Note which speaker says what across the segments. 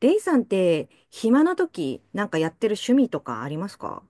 Speaker 1: レイさんって、暇な時、なんかやってる趣味とかありますか？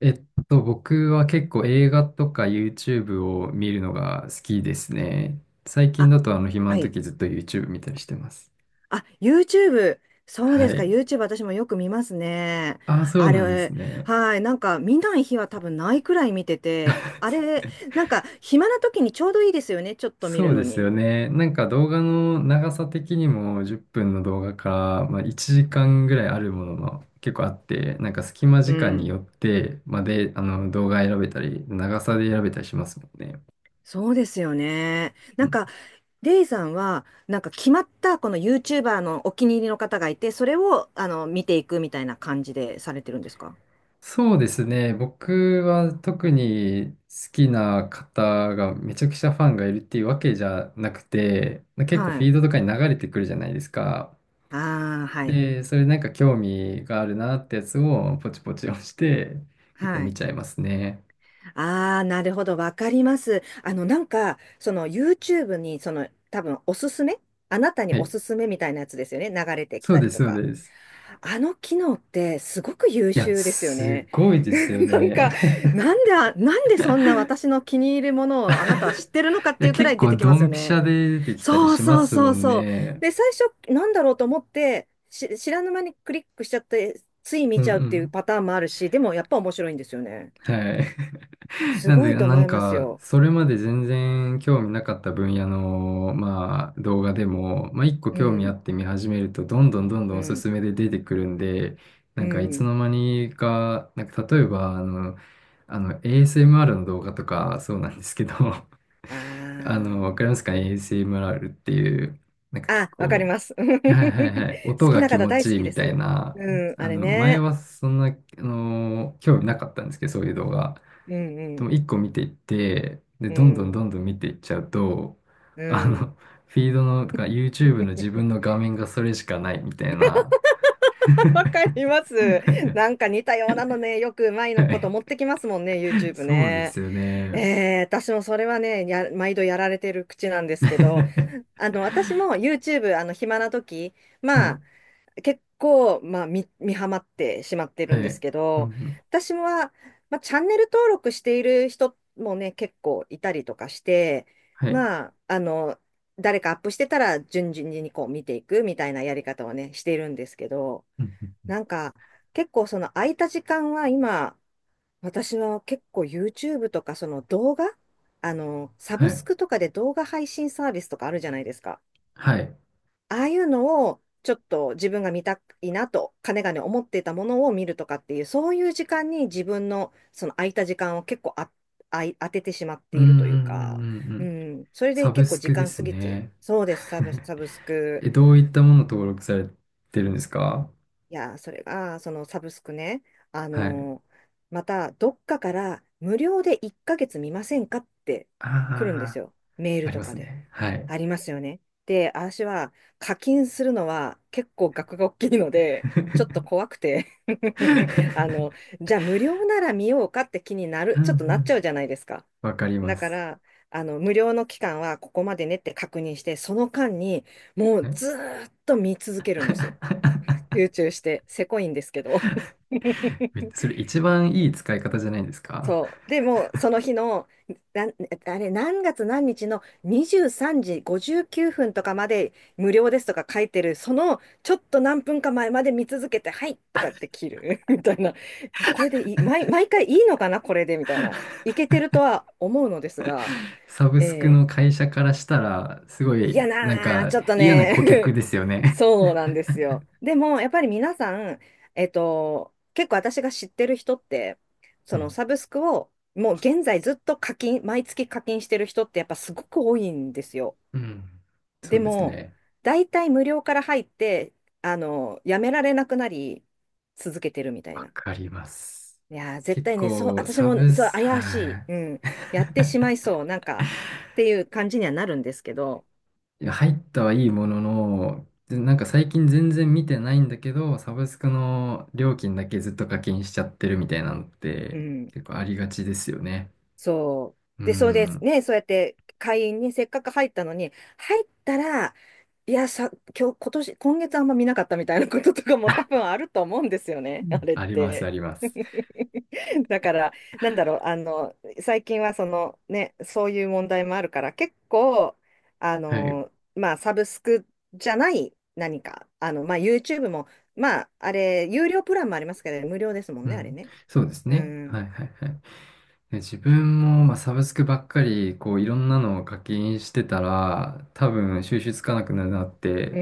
Speaker 2: 僕は結構映画とか YouTube を見るのが好きですね。最近
Speaker 1: あ、
Speaker 2: だと暇
Speaker 1: は
Speaker 2: の
Speaker 1: い。
Speaker 2: 時ずっと YouTube 見たりしてます。
Speaker 1: あ、YouTube。そうで
Speaker 2: は
Speaker 1: すか。
Speaker 2: い。
Speaker 1: YouTube 私もよく見ますね。
Speaker 2: ああ、そう
Speaker 1: あ
Speaker 2: なんです
Speaker 1: れ、
Speaker 2: ね。
Speaker 1: はい。なんか見ない日は多分ないくらい見てて、なんか暇な時にちょうどいいですよね。ちょっと見
Speaker 2: そ
Speaker 1: る
Speaker 2: う
Speaker 1: の
Speaker 2: ですよ
Speaker 1: に。
Speaker 2: ね。なんか動画の長さ的にも10分の動画から、まあ、1時間ぐらいあるものも結構あって、なんか隙間
Speaker 1: う
Speaker 2: 時間に
Speaker 1: ん。
Speaker 2: よって、まあ、で、あの動画選べたり、長さで選べたりしますもんね。
Speaker 1: そうですよね。なんか、レイさんは、なんか決まったこの YouTuber のお気に入りの方がいて、それを、あの、見ていくみたいな感じでされてるんですか？
Speaker 2: そうですね。僕は特に好きな方がめちゃくちゃファンがいるっていうわけじゃなくて、結構
Speaker 1: は
Speaker 2: フ
Speaker 1: い。
Speaker 2: ィードとかに流れてくるじゃないですか。
Speaker 1: ああ、はい。
Speaker 2: で、それなんか興味があるなってやつをポチポチ押して、結構
Speaker 1: は
Speaker 2: 見
Speaker 1: い。
Speaker 2: ちゃいますね。
Speaker 1: ああ、なるほど。わかります。あの、なんか、その YouTube に、その、多分おすすめ、あなたに
Speaker 2: は
Speaker 1: お
Speaker 2: い。
Speaker 1: すすめみたいなやつですよね。流れてき
Speaker 2: そ
Speaker 1: た
Speaker 2: うで
Speaker 1: り
Speaker 2: す、
Speaker 1: と
Speaker 2: そう
Speaker 1: か。
Speaker 2: です。
Speaker 1: あの機能ってすごく優
Speaker 2: いや、
Speaker 1: 秀ですよ
Speaker 2: す
Speaker 1: ね。
Speaker 2: ごいですよ
Speaker 1: なん
Speaker 2: ね。
Speaker 1: か、なん であ、なんでそんな私の気に入るものをあなたは知ってるのかっ
Speaker 2: い
Speaker 1: て
Speaker 2: や、
Speaker 1: いうくら
Speaker 2: 結
Speaker 1: い出
Speaker 2: 構
Speaker 1: てき
Speaker 2: ド
Speaker 1: ますよ
Speaker 2: ンピシ
Speaker 1: ね。
Speaker 2: ャで出てきたり
Speaker 1: そう
Speaker 2: しま
Speaker 1: そう
Speaker 2: す
Speaker 1: そ
Speaker 2: も
Speaker 1: う
Speaker 2: ん
Speaker 1: そう。
Speaker 2: ね。
Speaker 1: で、最初、なんだろうと思って、知らぬ間にクリックしちゃって、つい
Speaker 2: う
Speaker 1: 見
Speaker 2: んう
Speaker 1: ちゃうっていう
Speaker 2: ん。
Speaker 1: パターンもあるし、でもやっぱ面白いんですよね。
Speaker 2: はい。
Speaker 1: す
Speaker 2: なん
Speaker 1: ご
Speaker 2: で、
Speaker 1: いと
Speaker 2: な
Speaker 1: 思
Speaker 2: ん
Speaker 1: います
Speaker 2: か、
Speaker 1: よ。
Speaker 2: それまで全然興味なかった分野の、まあ、動画でも、まあ、一個
Speaker 1: う
Speaker 2: 興味あ
Speaker 1: ん、
Speaker 2: って見始めると、どんどんどんど
Speaker 1: う
Speaker 2: んおす
Speaker 1: ん、
Speaker 2: すめで出てくるんで、
Speaker 1: う
Speaker 2: なんか、いつ
Speaker 1: ん。
Speaker 2: の間にか、なんか、例えば、ASMR の動画とか、そうなんですけど、
Speaker 1: あ
Speaker 2: わかります
Speaker 1: ー。
Speaker 2: か ?ASMR っていう、なんか結
Speaker 1: あ、わかり
Speaker 2: 構、
Speaker 1: ます。
Speaker 2: はいは
Speaker 1: 好
Speaker 2: いはい、音
Speaker 1: き
Speaker 2: が
Speaker 1: な
Speaker 2: 気
Speaker 1: 方
Speaker 2: 持
Speaker 1: 大
Speaker 2: ち
Speaker 1: 好
Speaker 2: いい
Speaker 1: きで
Speaker 2: みたい
Speaker 1: す。
Speaker 2: な、
Speaker 1: うん、あれ
Speaker 2: 前
Speaker 1: ね。
Speaker 2: はそんな、興味なかったんですけど、そういう動画。
Speaker 1: うん、う
Speaker 2: で
Speaker 1: ん、
Speaker 2: も一個見ていって、で、
Speaker 1: う
Speaker 2: どんどん
Speaker 1: ん、
Speaker 2: どんどん見ていっちゃうと、
Speaker 1: う
Speaker 2: あ
Speaker 1: ん。
Speaker 2: の、フィードの、とか YouTube の自分の 画面がそれしかないみたいな。
Speaker 1: わかります。なんか似たようなのね、よくうまい
Speaker 2: は
Speaker 1: のこと
Speaker 2: い。
Speaker 1: 持ってきますもんね、YouTube
Speaker 2: そうで
Speaker 1: ね。
Speaker 2: すよね。
Speaker 1: 私もそれはね、毎度やられてる口なんですけど、あの、私も YouTube、あの、暇な時、
Speaker 2: は
Speaker 1: ま
Speaker 2: い。
Speaker 1: あ、結構、まあ、見ハマってしまって
Speaker 2: は
Speaker 1: るんです
Speaker 2: い。
Speaker 1: け
Speaker 2: うん。
Speaker 1: ど、
Speaker 2: うん
Speaker 1: 私は、まあ、チャンネル登録している人もね、結構いたりとかして、
Speaker 2: はい。
Speaker 1: まあ、あの、誰かアップしてたら、順々にこう見ていくみたいなやり方をね、しているんですけど、
Speaker 2: うんうん
Speaker 1: なんか、結構その空いた時間は今、私は結構 YouTube とかその動画、あの、サ
Speaker 2: は
Speaker 1: ブス
Speaker 2: い。
Speaker 1: クとかで動画配信サービスとかあるじゃないですか。
Speaker 2: はい。
Speaker 1: ああいうのをちょっと自分が見たいなと、かねがね思っていたものを見るとかっていう、そういう時間に自分のその空いた時間を結構あ、あい、当ててしまって
Speaker 2: うん
Speaker 1: い
Speaker 2: う
Speaker 1: るという
Speaker 2: んう
Speaker 1: か、
Speaker 2: んうんう
Speaker 1: う
Speaker 2: ん。
Speaker 1: ん、それで
Speaker 2: サブ
Speaker 1: 結構
Speaker 2: ス
Speaker 1: 時
Speaker 2: クで
Speaker 1: 間
Speaker 2: す
Speaker 1: 過ぎて、
Speaker 2: ね。
Speaker 1: そうです、サブ、サブスク。
Speaker 2: え、どういったもの登録されてるんですか？
Speaker 1: いや、それが、そのサブスクね、あ
Speaker 2: はい。
Speaker 1: のーまた、どっかから無料で1ヶ月見ませんかって来るんです
Speaker 2: ああ、
Speaker 1: よ。メー
Speaker 2: あ
Speaker 1: ル
Speaker 2: り
Speaker 1: と
Speaker 2: ま
Speaker 1: か
Speaker 2: す
Speaker 1: で。
Speaker 2: ね。はい。
Speaker 1: ありますよね。で、私は課金するのは結構額が大きいので、ちょっと 怖くて。 あの、じゃあ無料なら見ようかって気になる、
Speaker 2: うんう
Speaker 1: ちょっとなっちゃう
Speaker 2: ん
Speaker 1: じゃないですか。
Speaker 2: わかりま
Speaker 1: だか
Speaker 2: す。
Speaker 1: ら、あの、無料の期間はここまでねって確認して、その間にもう
Speaker 2: はい
Speaker 1: ずーっと見続けるんですよ。集中して、せこいんですけど。
Speaker 2: それ一番いい使い方じゃないですか？
Speaker 1: そう。でも、その日の、なん、あれ、何月何日の23時59分とかまで無料ですとか書いてる、そのちょっと何分か前まで見続けて、はいとかって切る みたいな。これでいい、毎回いいのかな、これでみたいな。いけてるとは思うのですが、
Speaker 2: サブスク
Speaker 1: え
Speaker 2: の
Speaker 1: ー
Speaker 2: 会社からしたら、すご
Speaker 1: 嫌
Speaker 2: い、なん
Speaker 1: なー、
Speaker 2: か
Speaker 1: ちょっと
Speaker 2: 嫌な顧客
Speaker 1: ね。
Speaker 2: ですよ ね。
Speaker 1: そうなんですよ。でも、やっぱり皆さん、結構私が知ってる人って、
Speaker 2: う
Speaker 1: その
Speaker 2: ん
Speaker 1: サブスクをもう現在ずっと毎月課金してる人ってやっぱすごく多いんですよ。
Speaker 2: うんそ
Speaker 1: で
Speaker 2: うです
Speaker 1: も、
Speaker 2: ね。
Speaker 1: 大体無料から入って、あの、やめられなくなり、続けてるみたい
Speaker 2: わ
Speaker 1: な。
Speaker 2: かります。
Speaker 1: いやー、絶
Speaker 2: 結
Speaker 1: 対ね、そう、
Speaker 2: 構、
Speaker 1: 私
Speaker 2: サ
Speaker 1: も、
Speaker 2: ブ
Speaker 1: そう、
Speaker 2: ス、
Speaker 1: 怪し
Speaker 2: はい。
Speaker 1: い。うん。やってしまいそう。なんか、っていう感じにはなるんですけど、
Speaker 2: いや入ったはいいものの、でなんか最近全然見てないんだけど、サブスクの料金だけずっと課金しちゃってるみたいなのっ
Speaker 1: う
Speaker 2: て
Speaker 1: ん。
Speaker 2: 結構ありがちですよね。
Speaker 1: そ
Speaker 2: う
Speaker 1: う。で、そうです。
Speaker 2: ん。
Speaker 1: ね、そうやって会員にせっかく入ったのに、入ったら、いや、さ、今日、今年、今月あんま見なかったみたいなこととかも多 分あると思うんですよ
Speaker 2: う
Speaker 1: ね、あ
Speaker 2: ん
Speaker 1: れっ
Speaker 2: あります、
Speaker 1: て。
Speaker 2: あります。
Speaker 1: だから、なんだろう、あの、最近はその、ね、そういう問題もあるから、結構、あ
Speaker 2: はい。
Speaker 1: の、まあ、サブスクじゃない何か、あの、まあ、YouTube も、まあ、あれ、有料プランもありますけど、無料ですもん
Speaker 2: う
Speaker 1: ね、あれ
Speaker 2: ん。
Speaker 1: ね。
Speaker 2: そうです
Speaker 1: う
Speaker 2: ね。は
Speaker 1: ん。
Speaker 2: い、はい、はい。で自分も、まあ、サブスクばっかり、こう、いろんなのを課金してたら、多分、収集つかなくなるなっ
Speaker 1: う
Speaker 2: て、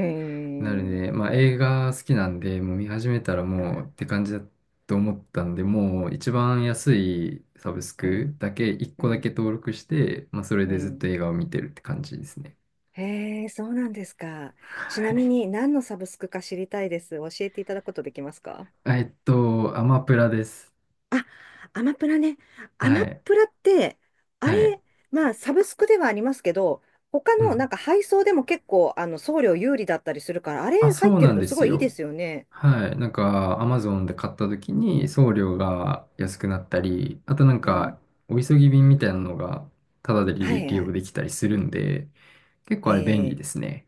Speaker 2: なるね。まあ、映画好きなんで、もう見始めたらもうって感じだと思ったんで、もう一番安いサブス
Speaker 1: う
Speaker 2: ク
Speaker 1: ん、
Speaker 2: だけ、1個
Speaker 1: う
Speaker 2: だ
Speaker 1: ん、
Speaker 2: け登録して、まあ、それ
Speaker 1: う
Speaker 2: でずっと
Speaker 1: ん。
Speaker 2: 映画を見てるって感じですね。
Speaker 1: へえ、そうなんですか。ちな
Speaker 2: は
Speaker 1: み
Speaker 2: い。
Speaker 1: に何のサブスクか知りたいです。教えていただくことできますか？
Speaker 2: アマプラです。
Speaker 1: あ、アマプラね。ア
Speaker 2: は
Speaker 1: マ
Speaker 2: い。
Speaker 1: プラって、あ
Speaker 2: はい。
Speaker 1: れ、まあ、サブスクではありますけど、他
Speaker 2: う
Speaker 1: のなん
Speaker 2: ん
Speaker 1: か配送でも結構あの送料有利だったりするから、あ
Speaker 2: あ、
Speaker 1: れ入っ
Speaker 2: そう
Speaker 1: て
Speaker 2: な
Speaker 1: る
Speaker 2: ん
Speaker 1: と
Speaker 2: で
Speaker 1: すご
Speaker 2: す
Speaker 1: いいいで
Speaker 2: よ。
Speaker 1: すよね。
Speaker 2: はい。なんか、アマゾンで買った時に送料
Speaker 1: うん。
Speaker 2: が安くなったり、あとなん
Speaker 1: うん、
Speaker 2: か、お急ぎ便みたいなのが、タダで
Speaker 1: は
Speaker 2: 利
Speaker 1: い
Speaker 2: 利
Speaker 1: は
Speaker 2: 用
Speaker 1: い。
Speaker 2: できたりするんで、結
Speaker 1: え
Speaker 2: 構あれ便利
Speaker 1: え、
Speaker 2: ですね。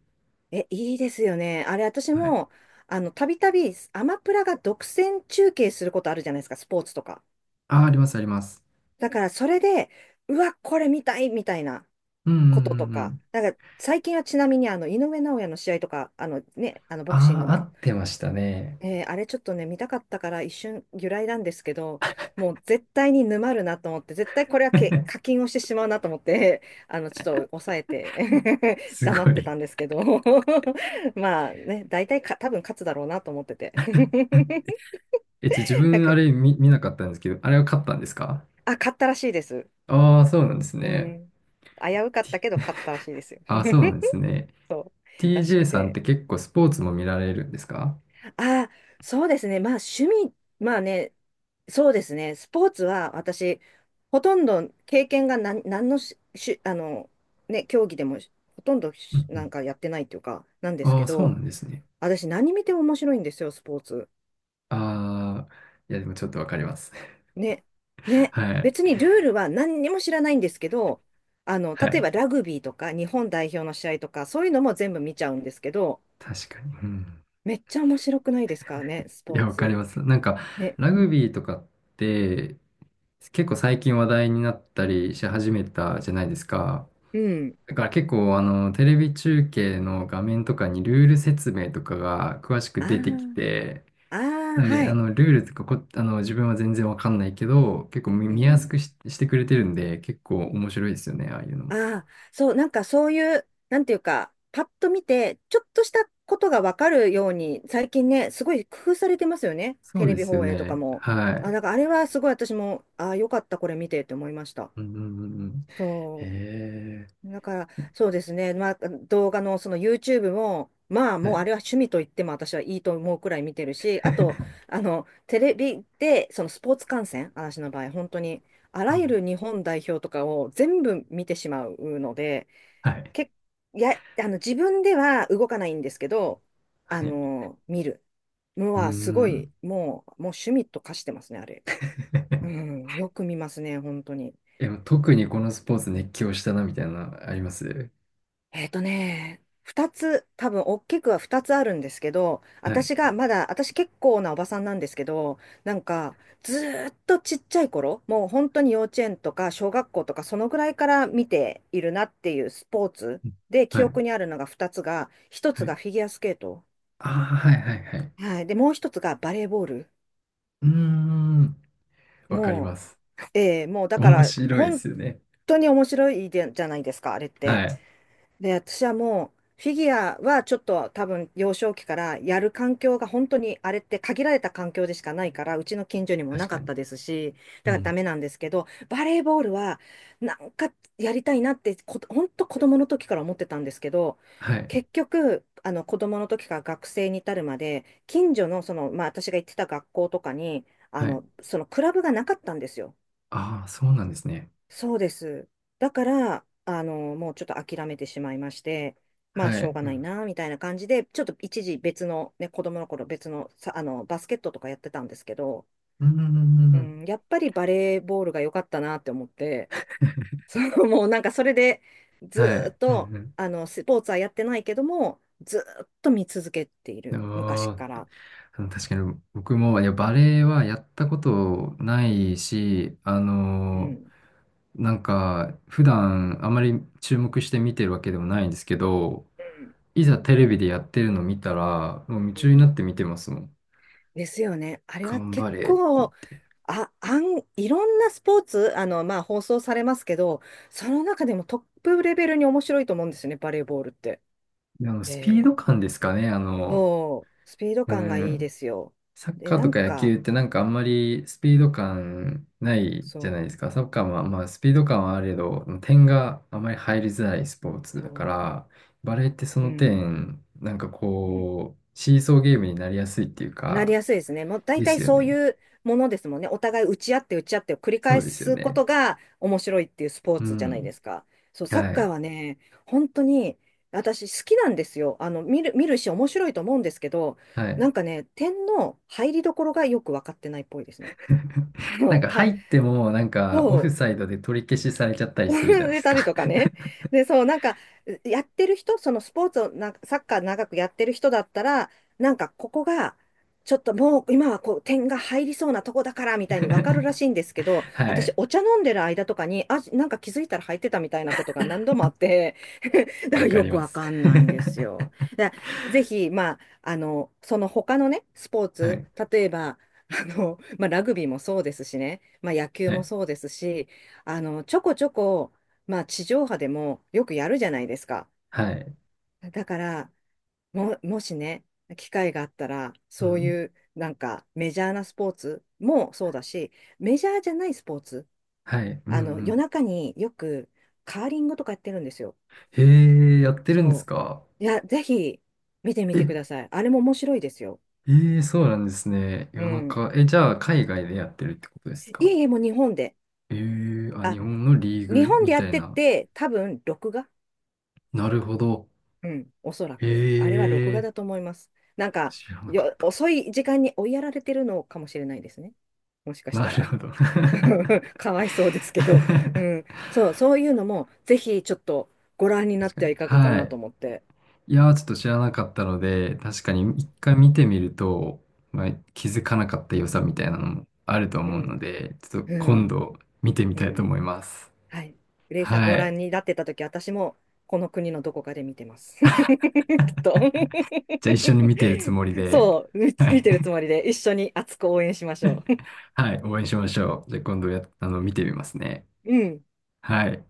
Speaker 1: いいですよね。あれ、私
Speaker 2: はい。
Speaker 1: も、あの、たびたびアマプラが独占中継することあるじゃないですか、スポーツとか。
Speaker 2: あ、あります、あります。
Speaker 1: だからそれで、うわ、これ見たいみたいな
Speaker 2: うんうん
Speaker 1: こと
Speaker 2: う
Speaker 1: と
Speaker 2: んう
Speaker 1: か、
Speaker 2: ん。
Speaker 1: だから最近はちなみにあの井上尚弥の試合とか、あのね、あのボクシン
Speaker 2: あ
Speaker 1: グ
Speaker 2: あ、合
Speaker 1: の、
Speaker 2: ってましたね。
Speaker 1: あれちょっとね、見たかったから一瞬揺らいだんですけど、もう絶対に沼るなと思って、絶対これは課 金をしてしまうなと思って、あのちょっと抑えて
Speaker 2: す
Speaker 1: 黙っ
Speaker 2: ご
Speaker 1: て
Speaker 2: い。
Speaker 1: たんですけど。 まあね、大体か、多分勝つだろうなと思ってて。
Speaker 2: え、自
Speaker 1: なん
Speaker 2: 分
Speaker 1: か、
Speaker 2: あれ見なかったんですけど、あれは買ったんですか？
Speaker 1: あ、勝ったらしいです。
Speaker 2: ああー、そうなんです
Speaker 1: う
Speaker 2: ね。
Speaker 1: ん。危うかった
Speaker 2: T-
Speaker 1: けど勝ったらしいですよ。
Speaker 2: ああ、そうな んですね。
Speaker 1: そうらし
Speaker 2: TJ
Speaker 1: く
Speaker 2: さんっ
Speaker 1: て。
Speaker 2: て結構スポーツも見られるんですか？
Speaker 1: ああ、そうですね。まあ趣味、まあね、そうですね。スポーツは私、ほとんど経験が何のし、し、あの、ね、競技でもほとんど
Speaker 2: う
Speaker 1: なん
Speaker 2: ん
Speaker 1: かやってないっていうか、なんです
Speaker 2: あ
Speaker 1: け
Speaker 2: あ、そうな
Speaker 1: ど、
Speaker 2: んですね。
Speaker 1: 私何見ても面白いんですよ、スポーツ。
Speaker 2: ああ、いや、でもちょっとわかります。
Speaker 1: ね、ね。
Speaker 2: はい。
Speaker 1: 別にルールは何にも知らないんですけど、あの、
Speaker 2: は
Speaker 1: 例えば
Speaker 2: い。
Speaker 1: ラグビーとか日本代表の試合とか、そういうのも全部見ちゃうんですけど、
Speaker 2: 確かに。うん。
Speaker 1: めっちゃ面白くないですからね、ス
Speaker 2: い
Speaker 1: ポー
Speaker 2: や、わか
Speaker 1: ツ。
Speaker 2: ります。なんか、
Speaker 1: ね。
Speaker 2: ラグビーとかって、結構最近話題になったりし始めたじゃないですか。
Speaker 1: うん。
Speaker 2: だから結構、テレビ中継の画面とかにルール説明とかが詳しく
Speaker 1: あ
Speaker 2: 出てき
Speaker 1: ー
Speaker 2: て、
Speaker 1: あー、あ
Speaker 2: なんで、
Speaker 1: はい。
Speaker 2: ルールとか自分は全然わかんないけど、結構
Speaker 1: う
Speaker 2: 見やす
Speaker 1: ん。
Speaker 2: くしてくれてるんで、結構面白いですよね、ああいうのも。
Speaker 1: ああ、そう、なんかそういう、なんていうか、パッと見て、ちょっとしたことがわかるように、最近ね、すごい工夫されてますよね。
Speaker 2: そ
Speaker 1: テ
Speaker 2: う
Speaker 1: レ
Speaker 2: で
Speaker 1: ビ
Speaker 2: すよ
Speaker 1: 放映とか
Speaker 2: ね。
Speaker 1: も。
Speaker 2: は
Speaker 1: あ、
Speaker 2: い。
Speaker 1: なんかあれはすごい私も、ああ、よかった、これ見てって思いました。
Speaker 2: うんうんうんうん。
Speaker 1: そう。
Speaker 2: へ
Speaker 1: だから、そうですね。まあ、動画のその YouTube も、まあ、
Speaker 2: え。は
Speaker 1: もうあ
Speaker 2: い。
Speaker 1: れは趣味と言っても私はいいと思うくらい見てるし、あと、あの、テレビで、そのスポーツ観戦、私の場合、本当に、あ
Speaker 2: う
Speaker 1: ら
Speaker 2: ん
Speaker 1: ゆる日本代表とかを全部見てしまうので、
Speaker 2: はい。
Speaker 1: け、あの、自分では動かないんですけど、あ
Speaker 2: はい。
Speaker 1: の、見るの
Speaker 2: う
Speaker 1: はすごい、
Speaker 2: ん。
Speaker 1: もう趣味と化してますね、あれ。うん、よく見ますね、本当に。
Speaker 2: え、特にこのスポーツ熱狂したなみたいなのあります？
Speaker 1: 多分大きくは二つあるんですけど、
Speaker 2: はい。
Speaker 1: 私がまだ、私結構なおばさんなんですけど、なんか、ずーっとちっちゃい頃、もう本当に幼稚園とか小学校とか、そのぐらいから見ているなっていうスポーツ
Speaker 2: うん
Speaker 1: で、記
Speaker 2: はい。
Speaker 1: 憶にあるのが二つが、一つ
Speaker 2: は
Speaker 1: が
Speaker 2: い。
Speaker 1: フィギュアスケート。
Speaker 2: ああ、はいはいはい。
Speaker 1: はい。で、もう一つがバレーボール。
Speaker 2: うーん。わかりま
Speaker 1: も
Speaker 2: す。
Speaker 1: う、ええ、もうだか
Speaker 2: 面
Speaker 1: ら、
Speaker 2: 白いで
Speaker 1: 本
Speaker 2: すよね。
Speaker 1: 当に面白いでじゃないですか、あれっ
Speaker 2: は
Speaker 1: て。
Speaker 2: い。
Speaker 1: で、私はもう、フィギュアはちょっと多分幼少期からやる環境が本当にあれって限られた環境でしかないから、うちの近所にもな
Speaker 2: 確
Speaker 1: か
Speaker 2: か
Speaker 1: っ
Speaker 2: に。
Speaker 1: たですし、
Speaker 2: う
Speaker 1: だからダ
Speaker 2: ん。
Speaker 1: メなんですけど、バレーボールはなんかやりたいなって本当子供の時から思ってたんですけど、
Speaker 2: はい。
Speaker 1: 結局、あの子供の時から学生に至るまで、近所のその、まあ私が行ってた学校とかに、
Speaker 2: はい。
Speaker 1: そのクラブがなかったんですよ。
Speaker 2: ああ、そうなんですね。
Speaker 1: そうです。だから、もうちょっと諦めてしまいまして、まあ、
Speaker 2: は
Speaker 1: しょう
Speaker 2: い。
Speaker 1: が
Speaker 2: う
Speaker 1: ない
Speaker 2: ん。
Speaker 1: な、みたいな感じで、ちょっと一時別の、ね、子供の頃別の、さ、あの、バスケットとかやってたんですけど、
Speaker 2: うんうんうん
Speaker 1: う
Speaker 2: うん
Speaker 1: ん、やっぱりバレーボールが良かったなって思って、そう、もうなんかそれで、ず
Speaker 2: は
Speaker 1: ーっ
Speaker 2: い。う
Speaker 1: と、
Speaker 2: ん
Speaker 1: スポーツはやってないけども、ずーっと見続けてい
Speaker 2: う
Speaker 1: る、
Speaker 2: ん。
Speaker 1: 昔
Speaker 2: ああ。
Speaker 1: から。
Speaker 2: 確かに僕も、いや、バレエはやったことないし、
Speaker 1: うん。
Speaker 2: なんか、普段あまり注目して見てるわけでもないんですけど、
Speaker 1: うん。
Speaker 2: いざテレビでやってるの見たら、もう夢
Speaker 1: う
Speaker 2: 中にな
Speaker 1: ん、
Speaker 2: って見てますもん。
Speaker 1: ですよね。あれは
Speaker 2: 頑
Speaker 1: 結
Speaker 2: 張れって言っ
Speaker 1: 構、
Speaker 2: て。
Speaker 1: あ、あん、いろんなスポーツ、まあ、放送されますけど、その中でもトップレベルに面白いと思うんですよね、バレーボールって。
Speaker 2: で、
Speaker 1: え
Speaker 2: スピー
Speaker 1: え、
Speaker 2: ド感ですかね、
Speaker 1: そう、スピード
Speaker 2: う
Speaker 1: 感がいいで
Speaker 2: ん、
Speaker 1: すよ。
Speaker 2: サッ
Speaker 1: で、
Speaker 2: カー
Speaker 1: な
Speaker 2: と
Speaker 1: ん
Speaker 2: か野
Speaker 1: か、
Speaker 2: 球ってなんかあんまりスピード感ないじゃない
Speaker 1: そ
Speaker 2: で
Speaker 1: う、
Speaker 2: すか。サッカーはまあスピード感はあれど、点があまり入りづらいスポーツだ
Speaker 1: そ
Speaker 2: から、バレーってそ
Speaker 1: う、う
Speaker 2: の
Speaker 1: ん、
Speaker 2: 点、なんか
Speaker 1: うん。
Speaker 2: こう、シーソーゲームになりやすいっていう
Speaker 1: なり
Speaker 2: か、
Speaker 1: やすいですね。もう大
Speaker 2: です
Speaker 1: 体
Speaker 2: よ
Speaker 1: そう
Speaker 2: ね。
Speaker 1: いうものですもんね。お互い打ち合って打ち合ってを繰り
Speaker 2: そ
Speaker 1: 返
Speaker 2: うですよ
Speaker 1: すこ
Speaker 2: ね。
Speaker 1: とが面白いっていうスポー
Speaker 2: う
Speaker 1: ツじゃないで
Speaker 2: ん。
Speaker 1: すか。そう、サッ
Speaker 2: は
Speaker 1: カー
Speaker 2: い。
Speaker 1: はね、本当に私好きなんですよ。あの、見るし面白いと思うんですけど、
Speaker 2: はい。
Speaker 1: なんかね、点の入りどころがよく分かってないっぽいですね。あ
Speaker 2: なん
Speaker 1: の、
Speaker 2: か
Speaker 1: た、
Speaker 2: 入ってもなんかオフ
Speaker 1: そ
Speaker 2: サ
Speaker 1: う、
Speaker 2: イドで取り消しされちゃった りするじゃない
Speaker 1: 植
Speaker 2: で
Speaker 1: え
Speaker 2: す
Speaker 1: たり
Speaker 2: か。
Speaker 1: とかね。で、そう、なんか、やってる人、そのスポーツをな、サッカー長くやってる人だったら、なんか、ここが、ちょっともう今はこう点が入りそうなとこだからみたいに分かるら しいんですけど、
Speaker 2: は
Speaker 1: 私
Speaker 2: い。
Speaker 1: お茶飲んでる間とかに、あ、なんか気づいたら入ってたみたいなことが何度もあって、だか
Speaker 2: わ
Speaker 1: ら
Speaker 2: か
Speaker 1: よ
Speaker 2: り
Speaker 1: く
Speaker 2: ま
Speaker 1: わ
Speaker 2: す。
Speaker 1: かんないんです よ。だからぜひ、まあ、その他のね、スポー
Speaker 2: は
Speaker 1: ツ、
Speaker 2: い。
Speaker 1: 例えば、まあ、ラグビーもそうですしね、まあ、野球
Speaker 2: は
Speaker 1: も
Speaker 2: い。
Speaker 1: そうですし、ちょこちょこまあ、地上波でもよくやるじゃないですか。
Speaker 2: はい。
Speaker 1: だから、もしね、機会があったら、
Speaker 2: う
Speaker 1: そう
Speaker 2: ん。
Speaker 1: いうなんかメジャーなスポーツもそうだし、メジャーじゃないスポーツ、
Speaker 2: はい。うんう
Speaker 1: 夜
Speaker 2: ん。
Speaker 1: 中によくカーリングとかやってるんですよ。
Speaker 2: へえ、やってるんです
Speaker 1: そ
Speaker 2: か？
Speaker 1: う。いや、ぜひ見てみ
Speaker 2: え、
Speaker 1: てください。あれも面白いですよ。
Speaker 2: ええ、そうなんですね。
Speaker 1: う
Speaker 2: 夜
Speaker 1: ん。
Speaker 2: 中。え、じゃあ、海外でやってるってことです
Speaker 1: い
Speaker 2: か？
Speaker 1: えいえ、もう日本で。
Speaker 2: ええ、あ、日
Speaker 1: あ、
Speaker 2: 本のリー
Speaker 1: 日
Speaker 2: グ
Speaker 1: 本で
Speaker 2: み
Speaker 1: や
Speaker 2: た
Speaker 1: っ
Speaker 2: い
Speaker 1: て
Speaker 2: な。
Speaker 1: て、多分録画、
Speaker 2: なるほど。
Speaker 1: うん、おそら
Speaker 2: え
Speaker 1: く。あれは録画だと
Speaker 2: え、
Speaker 1: 思います。なんか、
Speaker 2: 知らなかった。
Speaker 1: 遅い時間に追いやられてるのかもしれないですね。もしかし
Speaker 2: な
Speaker 1: た
Speaker 2: る
Speaker 1: ら。
Speaker 2: ほど。確
Speaker 1: かわいそうですけど。うん。そう、そういうのも、ぜひちょっとご覧になっ
Speaker 2: か
Speaker 1: ては
Speaker 2: に。
Speaker 1: いかがか
Speaker 2: は
Speaker 1: なと
Speaker 2: い。
Speaker 1: 思って。
Speaker 2: いやー、ちょっと知らなかったので、確かに
Speaker 1: う
Speaker 2: 一
Speaker 1: ん。
Speaker 2: 回見てみると、まあ、気づかなかった良さみたいなのもあると
Speaker 1: う
Speaker 2: 思うの
Speaker 1: ん。
Speaker 2: で、ちょっと
Speaker 1: う
Speaker 2: 今
Speaker 1: ん。
Speaker 2: 度見てみ
Speaker 1: う
Speaker 2: たいと
Speaker 1: ん、
Speaker 2: 思います。
Speaker 1: はい。グレイさん、ご
Speaker 2: はい。
Speaker 1: 覧になってたとき、私もこの国のどこかで見てます。きっと。
Speaker 2: じゃあ一緒に見てるつもり で、
Speaker 1: そう、み
Speaker 2: は
Speaker 1: 見
Speaker 2: い。
Speaker 1: てるつ もりで、一緒に熱く応援しましょう。
Speaker 2: はい、応援しましょう。じゃあ今度や、あの、見てみますね。
Speaker 1: うん。
Speaker 2: はい。